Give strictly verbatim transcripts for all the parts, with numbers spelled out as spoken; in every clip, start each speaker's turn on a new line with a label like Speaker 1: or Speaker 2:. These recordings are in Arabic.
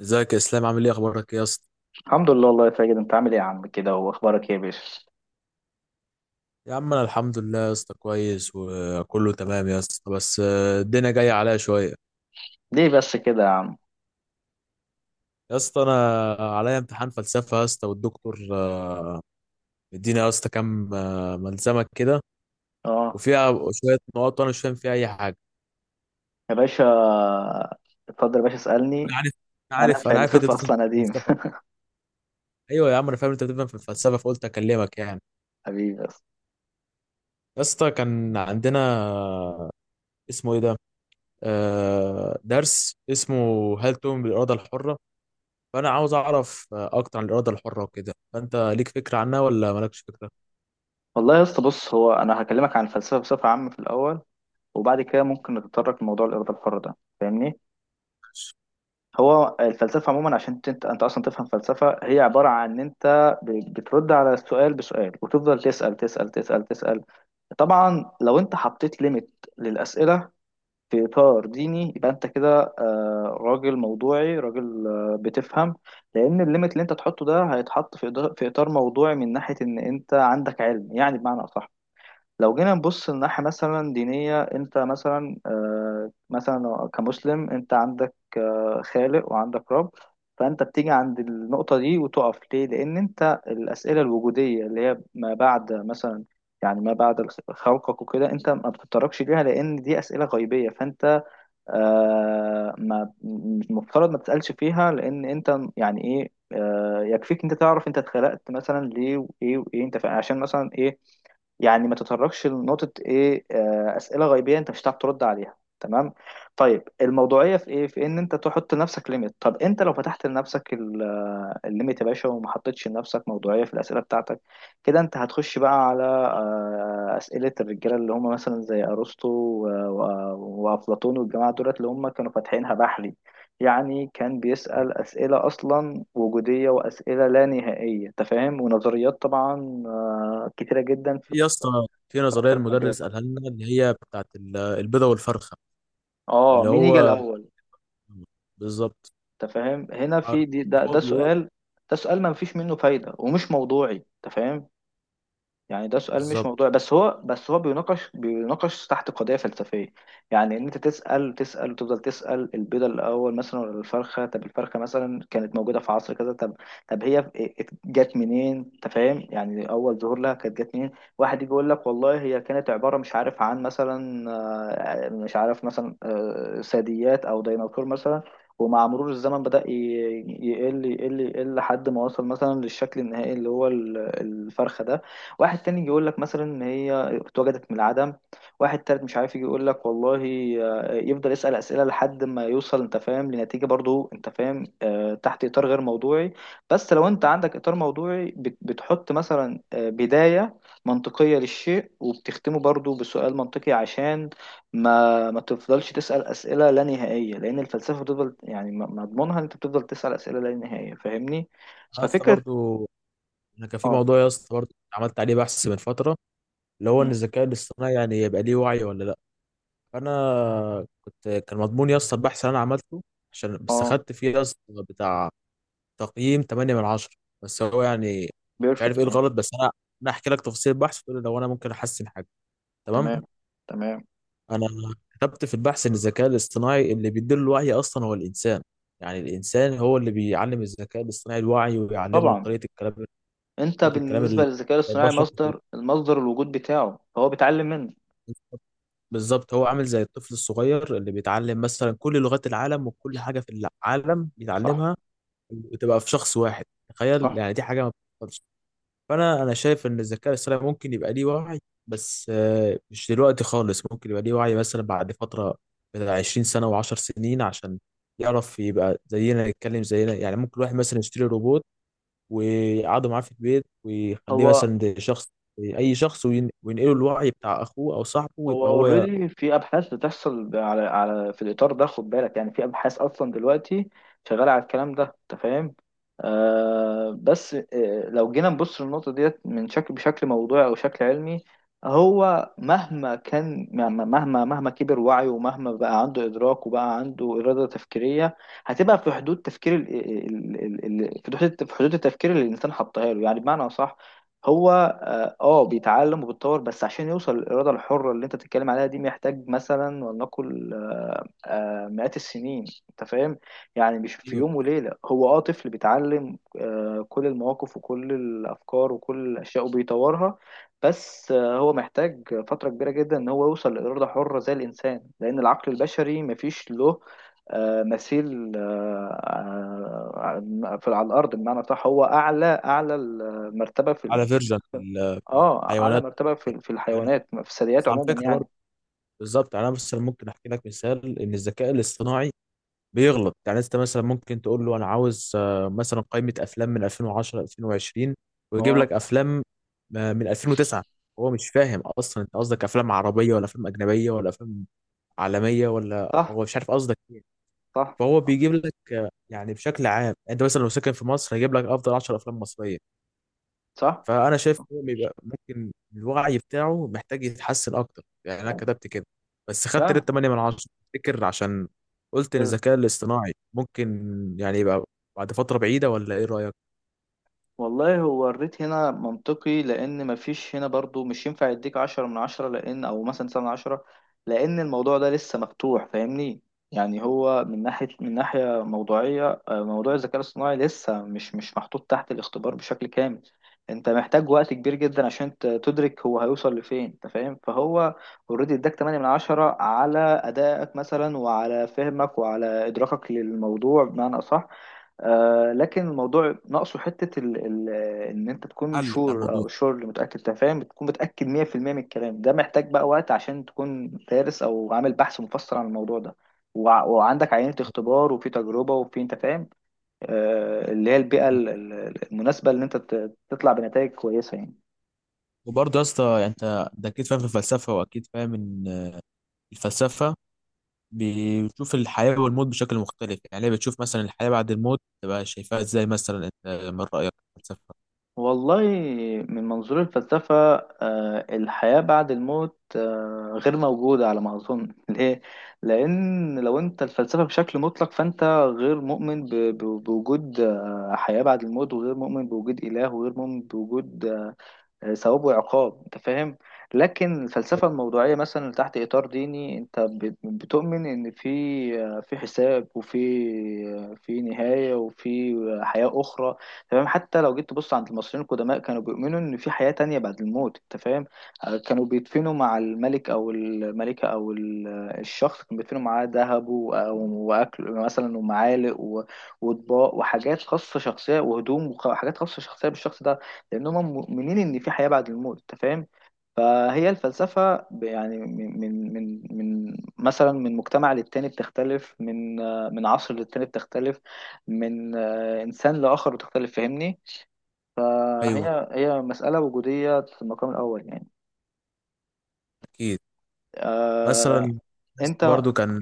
Speaker 1: ازيك يا اسلام؟ عامل ايه؟ اخبارك ايه يا اسطى؟
Speaker 2: الحمد لله والله يا ساجد، انت عامل ايه يا عم كده، واخبارك ايه يا باشا؟
Speaker 1: يا عم انا الحمد لله يا اسطى، كويس وكله تمام يا اسطى، بس آه، الدنيا جايه عليا شويه.
Speaker 2: ليه بس كده يا عم؟
Speaker 1: يا اسطى انا عليا امتحان فلسفه يا اسطى، والدكتور آه، مدينا يا اسطى كام آه، ملزمه كده،
Speaker 2: اه
Speaker 1: وفيها شويه نقاط وانا مش فاهم فيها اي حاجه.
Speaker 2: يا باشا، اتفضل يا باشا اسالني.
Speaker 1: انا عارف انا
Speaker 2: انا
Speaker 1: عارف انا عارف انت
Speaker 2: فيلسوف
Speaker 1: بتفهم
Speaker 2: اصلا
Speaker 1: في
Speaker 2: قديم.
Speaker 1: الفلسفه. ايوه يا عم، انا فاهم انت بتفهم في الفلسفه، فقلت اكلمك يعني.
Speaker 2: حبيبي بس.
Speaker 1: يا اسطى كان عندنا، اسمه ايه ده، آه درس اسمه هل تؤمن بالاراده الحره؟ فانا عاوز اعرف آه، اكتر عن الاراده الحره وكده، فانت ليك فكره عنها ولا مالكش فكره؟
Speaker 2: والله يا اسطى بص، هو انا هكلمك عن الفلسفه بصفه عامه في الاول، وبعد كده ممكن نتطرق لموضوع الاراده الحره ده، فاهمني؟ هو الفلسفه عموما، عشان انت انت اصلا تفهم فلسفه، هي عباره عن ان انت ب- بترد على السؤال بسؤال، وتفضل تسال تسال تسال تسال. طبعا لو انت حطيت ليميت للاسئله في إطار ديني، يبقى أنت كده آه، راجل موضوعي، راجل آه، بتفهم. لأن الليميت اللي أنت تحطه ده هيتحط في إضا- في إطار موضوعي، من ناحية إن أنت عندك علم، يعني بمعنى أصح. لو جينا نبص لناحية مثلا دينية، أنت مثلا آه، مثلا كمسلم أنت عندك آه، خالق وعندك رب. فأنت بتيجي عند النقطة دي وتقف ليه؟ لأن أنت الأسئلة الوجودية اللي هي ما بعد مثلا، يعني ما بعد الخ- خلقك وكده، أنت ما بتتطرقش ليها لأن دي أسئلة غيبية. فأنت آه ما مش المفترض ما تسألش فيها، لأن أنت يعني إيه، آه، يكفيك أنت تعرف أنت اتخلقت مثلا ليه وإيه وإيه، أنت فا- عشان مثلا إيه. يعني ما تتطرقش لنقطة إيه، آه، أسئلة غيبية أنت مش هتعرف ترد عليها، تمام؟ طيب الموضوعية في إيه؟ في إن أنت تحط لنفسك ليميت. طب أنت لو فتحت لنفسك ال- آه، الليميت يا باشا وما حطيتش لنفسك موضوعية في الأسئلة بتاعتك، كده انت هتخش بقى على آه، أسئلة الرجالة اللي هم مثلا زي أرسطو و- و- وأفلاطون والجماعة دولت اللي هم كانوا فاتحينها بحري. يعني كان بيسأل أسئلة أصلا وجودية، وأسئلة لا نهائية، أنت فاهم؟ ونظريات طبعا آه، كتيرة جدا
Speaker 1: في
Speaker 2: في
Speaker 1: يا اسطى، في
Speaker 2: في
Speaker 1: نظريه
Speaker 2: أكتر من مجال.
Speaker 1: المدرس قالها لنا اللي هي بتاعت ال- البيضه والفرخه،
Speaker 2: اه،
Speaker 1: اللي
Speaker 2: مين يجي
Speaker 1: هو
Speaker 2: الأول؟
Speaker 1: بالظبط،
Speaker 2: أنت فاهم؟ هنا
Speaker 1: آه،
Speaker 2: في دي ده,
Speaker 1: هو
Speaker 2: ده
Speaker 1: بيقول
Speaker 2: سؤال، ده سؤال ما فيش منه فايدة ومش موضوعي، أنت فاهم؟ يعني ده سؤال مش
Speaker 1: بالظبط.
Speaker 2: موضوعي، بس هو بس هو بيناقش بيناقش تحت قضية فلسفية. يعني ان انت تسأل تسأل وتفضل تسأل، البيضة الاول مثلا ولا الفرخة؟ طب الفرخة مثلا كانت موجودة في عصر كذا، طب طب هي إيه، ات- جت منين، انت فاهم؟ يعني اول ظهور لها كانت جت منين؟ واحد يجي يقول لك والله هي كانت عبارة مش عارف، عن مثلا آه، مش عارف مثلا آه، ثدييات او ديناصور مثلا، ومع مرور الزمن بدأ ي- يقل يقل يقل لحد ما وصل مثلا للشكل النهائي اللي هو ال- الفرخة ده. واحد تاني يجي يقول لك مثلا ان هي اتوجدت من العدم. واحد تالت مش عارف يجي يقول لك والله آه، يفضل يسأل أسئلة لحد ما يوصل انت فاهم لنتيجة، برضو انت فاهم آه، تحت إطار غير موضوعي. بس لو انت عندك إطار موضوعي، بت- بتحط مثلا آه، بداية منطقية للشيء، وبتختمه برضو بسؤال منطقي، عشان ما ما تفضلش تسأل أسئلة لا نهائية، لأن الفلسفة بتفضل يعني م- مضمونها ان انت بتفضل تسأل أسئلة لا نهائية، فاهمني؟
Speaker 1: انا اسطى
Speaker 2: ففكرة.
Speaker 1: برضو، انا كان في
Speaker 2: اه.
Speaker 1: موضوع يا اسطى برضو عملت عليه بحث من فتره، اللي هو ان
Speaker 2: مم.
Speaker 1: الذكاء الاصطناعي يعني يبقى ليه وعي ولا لا. فانا كنت، كان مضمون يا اسطى البحث اللي انا عملته، عشان بس
Speaker 2: اه.
Speaker 1: خدت فيه يا اسطى بتاع تقييم تمانية من عشرة من عشرة. بس هو يعني مش عارف
Speaker 2: بيرفكت
Speaker 1: ايه
Speaker 2: يعني.
Speaker 1: الغلط. بس انا انا احكي لك تفاصيل البحث، وتقول لي لو انا ممكن احسن حاجه، تمام.
Speaker 2: تمام، تمام.
Speaker 1: انا كتبت في البحث ان الذكاء الاصطناعي اللي بيدير الوعي اصلا هو الانسان. يعني الانسان هو اللي بيعلم الذكاء الاصطناعي الوعي، ويعلمه
Speaker 2: طبعا
Speaker 1: طريقه الكلام
Speaker 2: انت
Speaker 1: طريقه الكلام
Speaker 2: بالنسبه
Speaker 1: اللي
Speaker 2: للذكاء الاصطناعي
Speaker 1: البشر
Speaker 2: مصدر، المصدر الوجود بتاعه فهو بيتعلم منه.
Speaker 1: بالظبط، هو عامل زي الطفل الصغير اللي بيتعلم مثلا كل لغات العالم وكل حاجه في العالم
Speaker 2: صح،
Speaker 1: بيتعلمها، وتبقى في شخص واحد، تخيل
Speaker 2: صح.
Speaker 1: يعني دي حاجه ما. فانا انا شايف ان الذكاء الاصطناعي ممكن يبقى ليه وعي، بس آه، مش دلوقتي خالص، ممكن يبقى ليه وعي مثلا بعد فتره بتاع عشرين سنة سنه و10 سنين، عشان يعرف يبقى زينا، يتكلم زينا. يعني ممكن واحد مثلا يشتري روبوت ويقعده معاه في البيت ويخليه
Speaker 2: هو
Speaker 1: مثلا ده شخص، اي شخص، وين- وينقله الوعي بتاع اخوه او صاحبه
Speaker 2: هو
Speaker 1: ويبقى هو
Speaker 2: اوريدي في ابحاث بتحصل على على في الاطار ده، خد بالك، يعني في ابحاث اصلا دلوقتي شغاله على الكلام ده، انت فاهم؟ آه، بس آه، لو جينا نبص للنقطه ديت من شكل، بشكل موضوعي او شكل علمي، هو مهما كان، مهما مهما مهما كبر وعيه، ومهما بقى عنده ادراك وبقى عنده اراده تفكيريه، هتبقى في حدود تفكير ال ال ال ال في حدود، في حدود التفكير اللي الانسان حطها له، يعني بمعنى صح. هو اه آه، بيتعلم وبيتطور، بس عشان يوصل للإرادة الحرة اللي انت بتتكلم عليها دي، محتاج مثلا ولنقل آه، آه، مئات السنين، انت فاهم؟ يعني مش في يوم وليلة. هو اه طفل بيتعلم آه، كل المواقف وكل الأفكار وكل الأشياء وبيطورها، بس آه، هو محتاج فترة كبيرة جدا ان هو يوصل لإرادة حرة زي الإنسان، لأن العقل البشري مفيش له آه، مثيل آه، آه، في على الأرض، بمعنى صح هو أعلى أعلى المرتبة في،
Speaker 1: على فيرجن في ال- في
Speaker 2: اه، اعلى
Speaker 1: الحيوانات
Speaker 2: مرتبة في في
Speaker 1: يعني.
Speaker 2: الحيوانات، في الثدييات
Speaker 1: بس على
Speaker 2: عموما
Speaker 1: فكره برضه
Speaker 2: يعني.
Speaker 1: بالظبط، يعني انا مثلا ممكن احكي لك مثال ان الذكاء الاصطناعي بيغلط. يعني انت مثلا ممكن تقول له انا عاوز آه، مثلا قائمه افلام من ألفين وعشرة ألفين وعشرين، ويجيب
Speaker 2: اه،
Speaker 1: لك افلام آه، من ألفين وتسعة. هو مش فاهم اصلا انت قصدك افلام عربيه ولا افلام اجنبيه ولا افلام عالميه، ولا
Speaker 2: صح
Speaker 1: هو مش عارف قصدك ايه.
Speaker 2: صح
Speaker 1: فهو
Speaker 2: صح
Speaker 1: بيجيب لك آه، يعني بشكل عام، انت مثلا لو ساكن في مصر هيجيب لك افضل عشر أفلام افلام مصريه.
Speaker 2: صح،
Speaker 1: فانا شايف ان هو بيبقى، ممكن الوعي بتاعه محتاج يتحسن اكتر. يعني انا كتبت كده، بس خدت
Speaker 2: فعلا.
Speaker 1: ريت تمانية من عشرة. تفتكر عشان قلت ان الذكاء الاصطناعي ممكن يعني يبقى بعد فتره بعيده، ولا ايه رايك
Speaker 2: والله هو الريت هنا منطقي، لأن مفيش هنا برضو مش ينفع يديك عشرة من عشرة، لأن، أو مثلا سبعة من عشرة، لأن الموضوع ده لسه مفتوح فاهمني. يعني هو من ناحية، من ناحية موضوعية، آه، موضوع الذكاء الاصطناعي لسه مش مش محطوط تحت الاختبار بشكل كامل. أنت محتاج وقت كبير جدا عشان ت- تدرك هو هيوصل لفين، أنت فاهم؟ فهو اوريدي اداك تمانية من عشرة على أدائك مثلا، وعلى فهمك، وعلى إدراكك للموضوع بمعنى أصح. آه، لكن الموضوع ناقصه حتة ال ال إن أنت تكون
Speaker 1: حل بتاع
Speaker 2: شور،
Speaker 1: الموضوع؟
Speaker 2: أو شور اللي متأكد أنت فاهم، بتكون متأكد مية في المية من الكلام ده، محتاج بقى وقت عشان تكون دارس أو عامل بحث مفصل عن الموضوع ده، وع وعندك عينة اختبار، وفي تجربة، وفي، أنت فاهم، آه، اللي هي البيئة ال- ال- المناسبة إن أنت ت- تطلع بنتائج كويسة يعني.
Speaker 1: وبرضه يا اسطى، يعني انت ده اكيد فاهم في الفلسفه، واكيد فاهم ان الفلسفه بتشوف الحياه والموت بشكل مختلف. يعني هي بتشوف مثلا الحياه بعد الموت، تبقى شايفاها ازاي مثلا؟ انت من رايك في الفلسفه؟
Speaker 2: والله من منظور الفلسفة، آه، الحياة بعد الموت آه، غير موجودة على ما أظن. ليه؟ لأن لو أنت الفلسفة بشكل مطلق، فأنت غير مؤمن ب- ب- بوجود آه، حياة بعد الموت، وغير مؤمن بوجود إله، وغير مؤمن بوجود ثواب وعقاب، انت فاهم. لكن الفلسفة الموضوعية مثلا تحت إطار ديني، انت بت- بتؤمن ان في في حساب، وفي في نهاية، وفي حياة أخرى، تمام؟ حتى لو جيت تبص عند المصريين القدماء كانوا بيؤمنوا ان في حياة تانية بعد الموت، انت فاهم؟ آه، كانوا بيدفنوا مع الملك او الملكة او ال- الشخص، كانوا بيدفنوا معاه ذهب و- واكل مثلا ومعالق و- واطباق، وحاجات خاصة شخصية، وهدوم وحاجات خاصة شخصية بالشخص ده، لأنهم مؤمنين إن في حياة بعد الموت، أنت فاهم؟ فهي الفلسفة ب- يعني من من من من مثلا من مجتمع للتاني بتختلف، من آه، من عصر للتاني بتختلف، من آه، إنسان لآخر بتختلف، فاهمني؟
Speaker 1: ايوه،
Speaker 2: فهي هي مسألة وجودية في المقام الأول يعني.
Speaker 1: اكيد.
Speaker 2: آه،
Speaker 1: مثلا
Speaker 2: أنت
Speaker 1: برضو كان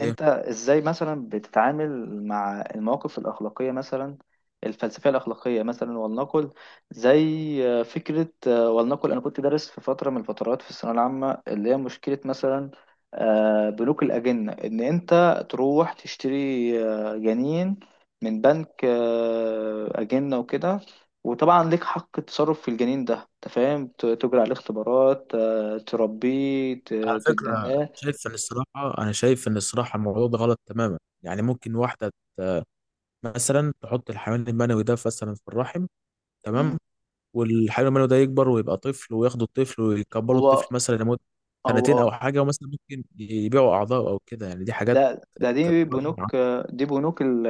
Speaker 1: إيه؟
Speaker 2: انت ازاي مثلا بتتعامل مع المواقف الاخلاقيه مثلا، الفلسفيه الاخلاقيه مثلا، ولنقل زي فكره آه، ولنقل انا كنت دارس في فتره من الفترات في الثانويه العامه، اللي هي مشكله مثلا آه، بنوك الاجنه، ان انت تروح تشتري آه، جنين من بنك آه، اجنه وكده، وطبعا ليك حق التصرف في الجنين ده، انت فاهم، ت- تجري عليه اختبارات، آه، تربيه ت-
Speaker 1: على فكرة،
Speaker 2: تتبناه.
Speaker 1: شايف إن الصراحة أنا شايف إن الصراحة الموضوع ده غلط تماما. يعني ممكن واحدة مثلا تحط الحيوان المنوي ده مثلا في الرحم،
Speaker 2: مم.
Speaker 1: تمام، والحيوان المنوي ده يكبر ويبقى طفل، وياخدوا الطفل ويكبروا
Speaker 2: هو
Speaker 1: الطفل مثلا لمدة سنتين
Speaker 2: هو
Speaker 1: أو حاجة، ومثلا ممكن يبيعوا أعضاء أو كده. يعني دي حاجات
Speaker 2: ده ده دي
Speaker 1: كجرايم
Speaker 2: بنوك، دي بنوك ال-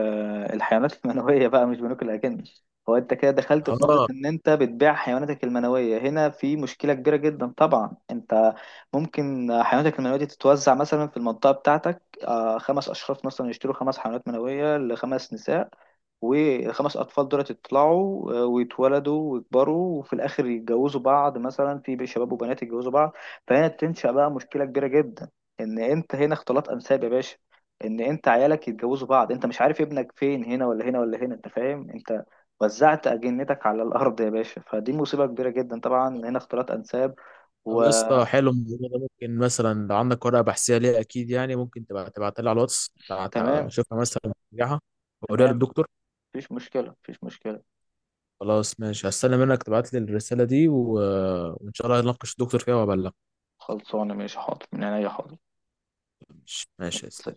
Speaker 2: الحيوانات المنوية بقى، مش بنوك الأجانب. هو أنت كده دخلت في نقطة
Speaker 1: آه
Speaker 2: إن أنت بتبيع حيواناتك المنوية، هنا في مشكلة كبيرة جدا طبعا. أنت ممكن حيواناتك المنوية دي تتوزع مثلا في المنطقة بتاعتك، آه، خمس أشخاص مثلا يشتروا خمس حيوانات منوية لخمس نساء، والخمس أطفال دول يطلعوا آه، ويتولدوا ويكبروا، وفي الآخر يتجوزوا بعض، مثلا في شباب وبنات يتجوزوا بعض. فهنا تنشأ بقى مشكلة كبيرة جدا، ان انت هنا اختلاط انساب يا باشا. ان انت عيالك يتجوزوا بعض، انت مش عارف ابنك فين، هنا ولا هنا ولا هنا، انت فاهم؟ انت وزعت اجنتك على الارض يا باشا، فدي مصيبه كبيره جدا طبعا، هنا اختلاط انساب.
Speaker 1: طب يا
Speaker 2: وتمام،
Speaker 1: اسطى، حلو الموضوع ده. ممكن مثلا لو عندك ورقة بحثية ليه، أكيد يعني، ممكن تبقى تبعتها لي على الواتس، تع- تع-
Speaker 2: تمام،
Speaker 1: أشوفها مثلا ترجعها وأوريها
Speaker 2: تمام.
Speaker 1: للدكتور.
Speaker 2: مفيش مشكله، مفيش مشكله.
Speaker 1: خلاص ماشي، هستنى منك تبعت لي الرسالة دي، و... وإن شاء الله هنناقش الدكتور فيها وأبلغ.
Speaker 2: خلصانه ماشي، حاضر من عينيا، حاضر.
Speaker 1: ماشي ماشي يا إسلام.